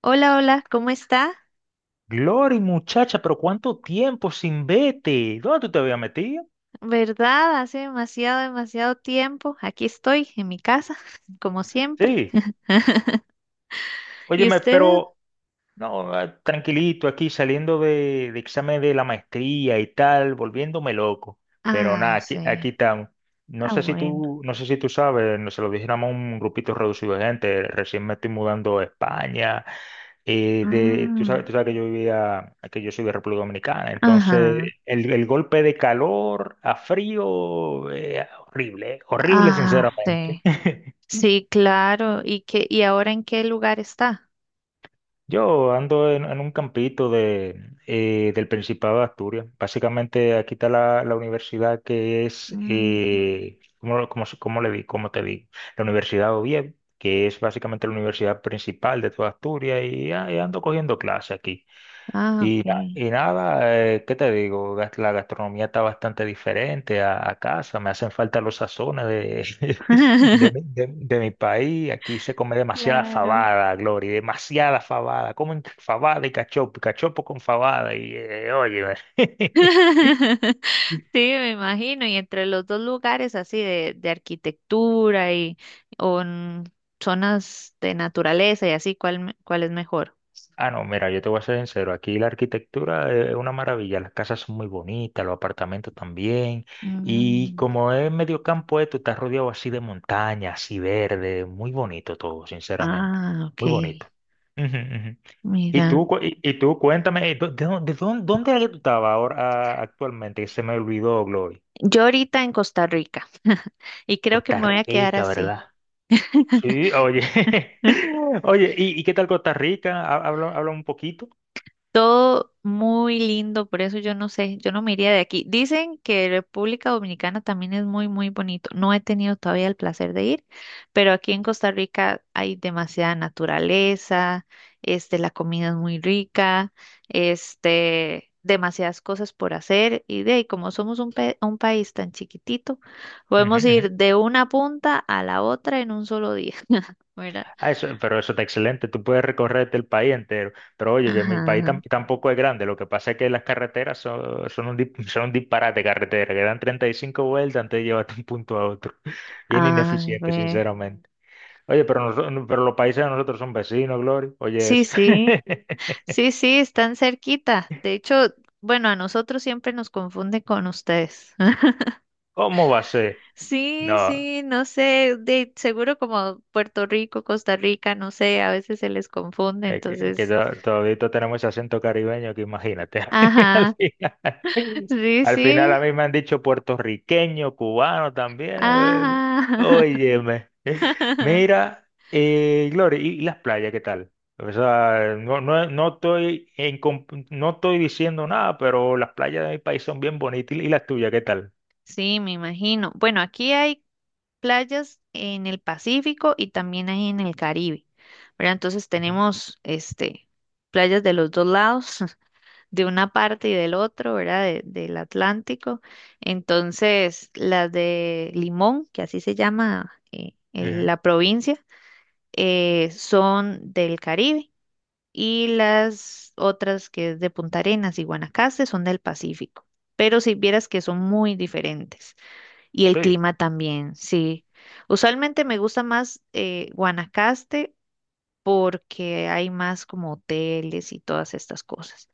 Hola, hola, ¿cómo está? Glory, muchacha, pero ¿cuánto tiempo sin vete? ¿Dónde tú te habías metido? ¿Verdad? Hace demasiado tiempo. Aquí estoy, en mi casa, como siempre. Sí. ¿Y Óyeme, usted? pero. No, tranquilito aquí saliendo de examen de la maestría y tal, volviéndome loco. Pero nada, Ah, aquí sí. estamos. No Ah, sé si bueno. tú, no sé si tú sabes, no se lo dijéramos a un grupito reducido de gente. Recién me estoy mudando a España. Tú sabes, Ah, tú sabes que yo vivía, que yo soy de República Dominicana. Entonces, ajá. el golpe de calor a frío, horrible, horrible Ah, sinceramente. sí. Sí, claro. ¿Y qué, y ahora en qué lugar está? Yo ando en un campito del Principado de Asturias. Básicamente aquí está la universidad que es. Mm, Cómo le di? ¿Cómo te digo? La Universidad de Oviedo, que es básicamente la universidad principal de toda Asturias y ando cogiendo clase aquí. ah, ok. Y nada, ¿qué te digo? La gastronomía está bastante diferente a casa. Me hacen falta los sazones de, de, mi, de- de mi país. Aquí se come demasiada Claro. fabada, Glory, demasiada fabada. Comen fabada y cachopo con fabada. Y óyeme. Sí, me imagino, y entre los dos lugares así de arquitectura y o en zonas de naturaleza y así, ¿cuál, cuál es mejor? Ah, no, mira, yo te voy a ser sincero. Aquí la arquitectura es una maravilla. Las casas son muy bonitas, los apartamentos también. Y Mm, como es medio campo esto, está rodeado así de montaña, así verde. Muy bonito todo, sinceramente. ah, ok, Muy bonito. Ujú, ujú. Y mira, tú, cuéntame, ¿De dónde era que tú estabas ahora, actualmente? Que se me olvidó, Glory. yo ahorita en Costa Rica y creo que Costa me voy a quedar Rica, así. ¿verdad? Sí, oye. Oye, ¿y qué tal Costa Rica? Habla, habla un poquito. Todo muy lindo, por eso yo no sé, yo no me iría de aquí. Dicen que República Dominicana también es muy, muy bonito. No he tenido todavía el placer de ir, pero aquí en Costa Rica hay demasiada naturaleza, este, la comida es muy rica, este, demasiadas cosas por hacer y de ahí, como somos un, un país tan chiquitito, Ujú, podemos ir ujú. de una punta a la otra en un solo día, ¿verdad? Ah, eso, pero eso está excelente, tú puedes recorrerte el país entero, pero oye, que mi país Ajá. tampoco es grande, lo que pasa es que las carreteras son un disparate de carretera, que dan 35 vueltas antes de llevarte de un punto a otro, bien A ineficiente, ver. sinceramente. Oye, pero, los países de nosotros son vecinos, Glory, oye Sí, eso. sí. Sí, sí, están cerquita. De hecho, bueno, a nosotros siempre nos confunde con ustedes. ¿Cómo va a ser? Sí, No. sí, no sé, de seguro como Puerto Rico, Costa Rica, no sé, a veces se les confunde, Es que, que entonces, to- todavía tenemos ese acento caribeño que imagínate. Al ajá, final, sí, al final, a sí, mí me han dicho puertorriqueño, cubano también. Ajá. Óyeme. Mira, Gloria, ¿y las playas qué tal? O sea, no, no, no estoy diciendo nada, pero las playas de mi país son bien bonitas. ¿Y las tuyas qué tal? Sí, me imagino. Bueno, aquí hay playas en el Pacífico y también hay en el Caribe, ¿verdad? Entonces Ujú, tenemos, este, playas de los dos lados, de una parte y del otro, ¿verdad? Del Atlántico. Entonces, las de Limón, que así se llama ujú. la provincia, son del Caribe y las otras que es de Punta Arenas y Guanacaste son del Pacífico. Pero si vieras que son muy diferentes y el Sí. clima también, sí. Usualmente me gusta más Guanacaste porque hay más como hoteles y todas estas cosas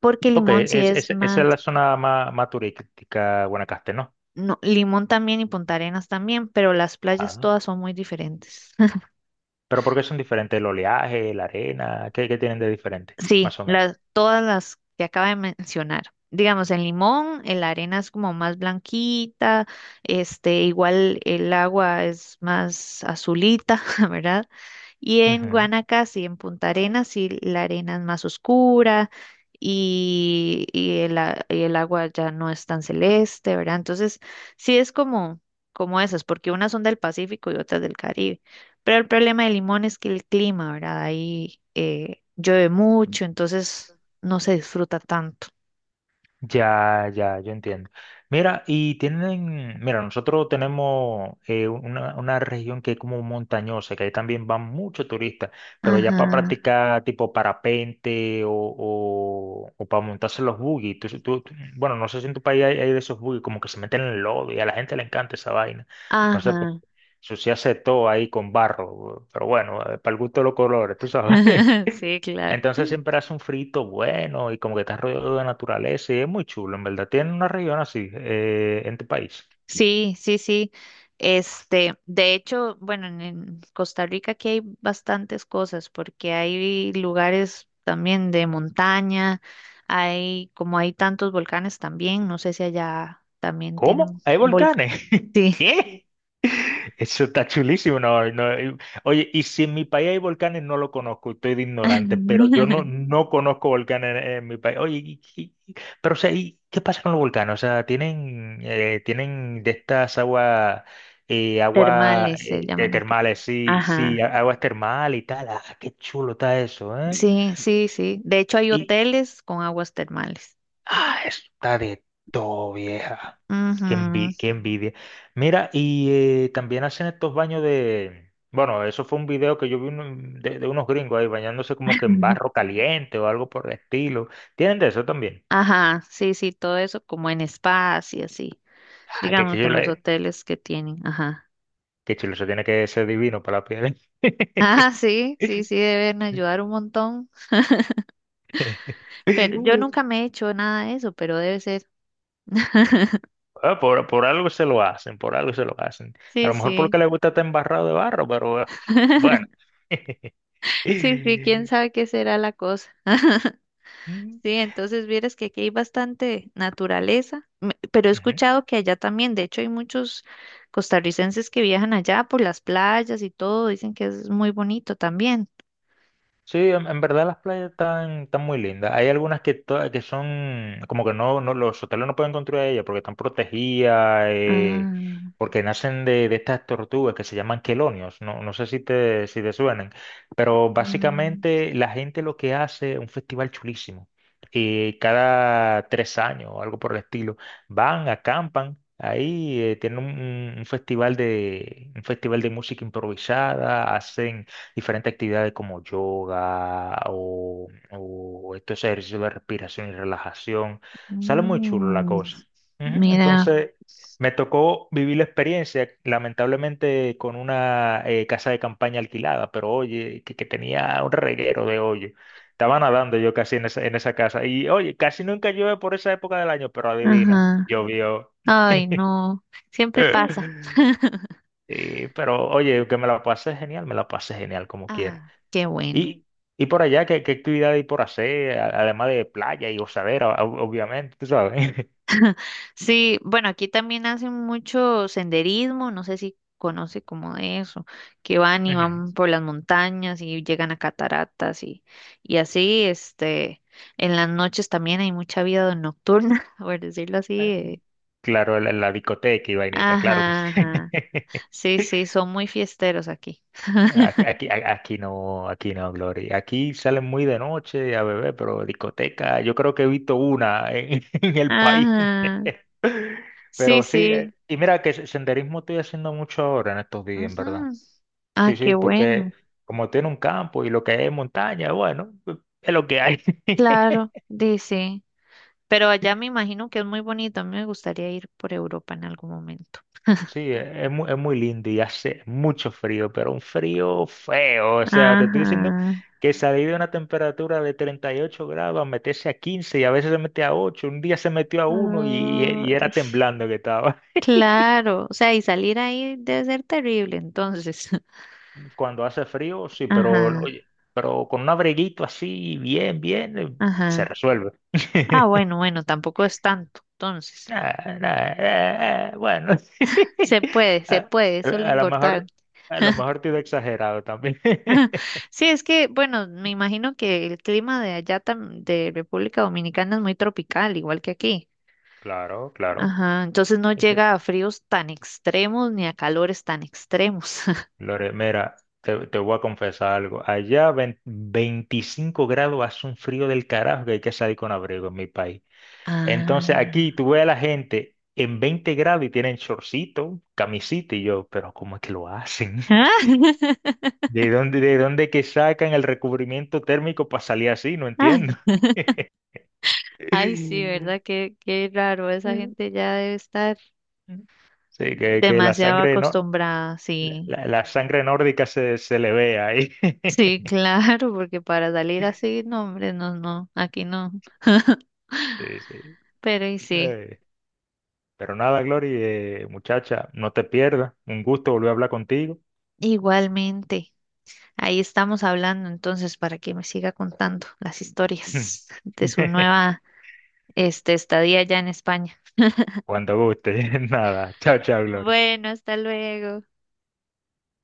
porque Ok, Limón sí es esa es más. la zona más turística, Guanacaste, ¿no? No, Limón también y Punta Arenas también, pero las playas todas son muy diferentes. Pero ¿por qué son diferentes? ¿El oleaje, la arena? ¿Qué tienen de diferente? Sí, Más o menos. las, todas las que acaba de mencionar. Digamos, en Limón, la arena es como más blanquita, este, igual el agua es más azulita, ¿verdad? Y en Ujú. Guanacaste y en Punta Arenas, sí, la arena es más oscura y el agua ya no es tan celeste, ¿verdad? Entonces, sí es como, como esas, porque unas son del Pacífico y otras del Caribe. Pero el problema de Limón es que el clima, ¿verdad? Ahí llueve mucho, entonces no se disfruta tanto. Ya, ya, yo entiendo. Mira, nosotros tenemos una región que es como montañosa, que ahí también van muchos turistas, pero ya para Ajá, practicar tipo parapente o para montarse los buggy. Bueno, no sé si en tu país hay de esos buggy, como que se meten en el lodo y a la gente le encanta esa vaina. No sé, pues, ajá. se hace todo ahí con barro, pero bueno, para el gusto de los colores, tú sabes. Sí, claro. Entonces siempre hace un frito bueno y como que está rodeado de naturaleza y es muy chulo, en verdad. Tiene una región así en tu país. Sí, sí, sí. Este, de hecho, bueno, en Costa Rica aquí hay bastantes cosas porque hay lugares también de montaña, hay como hay tantos volcanes también, no sé si allá también tienen ¿Cómo? ¿Hay volcanes. volcanes? Sí. ¿Qué? Eso está chulísimo. No, no, y-. Oye, y si en mi país hay volcanes, no lo conozco, estoy de ignorante, pero yo no, no conozco volcanes en mi país. Oye, pero o sea, ¿y qué pasa con los volcanes? O sea, ¿tienen de estas aguas, agua Termales se de llaman aquí. termales? Sí, sí, Ajá. Aguas termales y tal. Ah, qué chulo está eso, ¿eh? Sí, sí, sí. De hecho, hay Y, hoteles con aguas termales. ah, está de todo, vieja. Ujú. Qué envidia. Mira, y también hacen estos baños de. Bueno, eso fue un video que yo vi de unos gringos ahí bañándose como que en barro caliente o algo por el estilo. ¿Tienen de eso también? Ajá, sí, sí, todo eso como en spas y así, Ah, qué digamos, en chulo, los eh. hoteles que tienen. Ajá. Qué chulo, eso tiene que ser divino para la piel. Ah, sí, sí, sí, deben ayudar un montón. Pero yo nunca me he hecho nada de eso, pero debe ser. Ah, por algo se lo hacen, por algo se lo hacen. A Sí, lo mejor sí. porque le gusta estar embarrado de barro, pero bueno. Sí, sí, quién sabe qué será la cosa. Mm, Sí, entonces vieras que aquí hay bastante naturaleza, pero he ujú. escuchado que allá también, de hecho hay muchos costarricenses que viajan allá por las playas y todo, dicen que es muy bonito también. Sí, en verdad las playas están muy lindas. Hay algunas que son como que no, no, los hoteles no pueden construir ellas porque están protegidas, Ah, porque nacen de estas tortugas que se llaman quelonios. No, no sé si te, suenan, pero mm, básicamente la gente lo que hace es un festival chulísimo. Y cada 3 años o algo por el estilo, van, acampan. Ahí tienen un festival de música improvisada, hacen diferentes actividades como yoga o estos ejercicios de respiración y relajación. Sale muy chulo la mm, cosa. Ujú. mira, Entonces, me tocó vivir la experiencia, lamentablemente, con una casa de campaña alquilada, pero oye, que tenía un reguero de hoyo. Estaba nadando yo casi en esa casa. Y oye, casi nunca llueve por esa época del año, pero adivina, ajá. llovió. Ay, no, siempre pasa. Pero oye, que me la pasé genial, me la pasé genial como quiera. Ah, qué bueno. Y, y por allá, ¿qué actividad hay por hacer? Además de playa y gozadera, obviamente, tú sabes. Sí, bueno, aquí también hacen mucho senderismo, no sé si conoce como de eso, que van y Ujú. van por las montañas y llegan a cataratas y así, este, en las noches también hay mucha vida nocturna, por decirlo así. Ah, claro, la discoteca y vainita, claro que Ajá, sí. ajá. Sí, sí, son muy fiesteros aquí. Aquí no, aquí no, Glory. Aquí salen muy de noche a beber, pero discoteca, yo creo que he visto una en, en el país. Ajá, sí, Pero sí, sí. y mira que senderismo estoy haciendo mucho ahora en estos días, en verdad. Ujú. Ah, Sí, sí, qué bueno. porque como tiene un campo y lo que es montaña, bueno, es lo que hay. Claro, dice. Pero allá me imagino que es muy bonito. A mí me gustaría ir por Europa en algún momento. Sí, es muy lindo y hace mucho frío, pero un frío feo. O sea, te estoy diciendo Ajá. que salir de una temperatura de 38 grados, a meterse a 15 y a veces se mete a 8, un día se metió a uno y Ay, era temblando que estaba. claro. O sea, y salir ahí debe ser terrible, entonces. Cuando hace frío, sí, pero Ajá, oye, pero con un abriguito así, bien, bien, se ajá. resuelve. Ah, bueno, bueno, tampoco es tanto. Entonces, Ah, nah, bueno, se a, puede, eso es lo a lo mejor, importante. a lo mejor te he exagerado también. Sí, es que, bueno, me imagino que el clima de allá, de República Dominicana, es muy tropical, igual que aquí. Claro, claro. Ajá, entonces no Este, llega a fríos tan extremos ni a calores tan extremos. Lore, mira, te voy a confesar algo. Allá 25 grados hace un frío del carajo que hay que salir con abrigo en mi país. Entonces aquí Ah. tú ves a la gente en 20 grados y tienen shortcito, camisita y yo, pero ¿cómo es que lo hacen? Ah, ¿De dónde que sacan el recubrimiento térmico para salir así? No Ah. entiendo. Ay, sí, ¿verdad? Qué, qué raro, esa gente ya debe estar Sí, que la demasiado sangre no, acostumbrada, sí. la, la- sangre nórdica se le ve ahí. Sí, claro, porque para salir así, no, hombre, no, no, aquí no. Sí, sí. Pero y sí, Eh, pero nada, Glory, muchacha, no te pierdas. Un gusto volver a hablar contigo. igualmente. Ahí estamos hablando entonces para que me siga contando las historias de su nueva, este, estadía allá en España. Cuando guste, nada. Chao, chao, Glory. Bueno, hasta luego.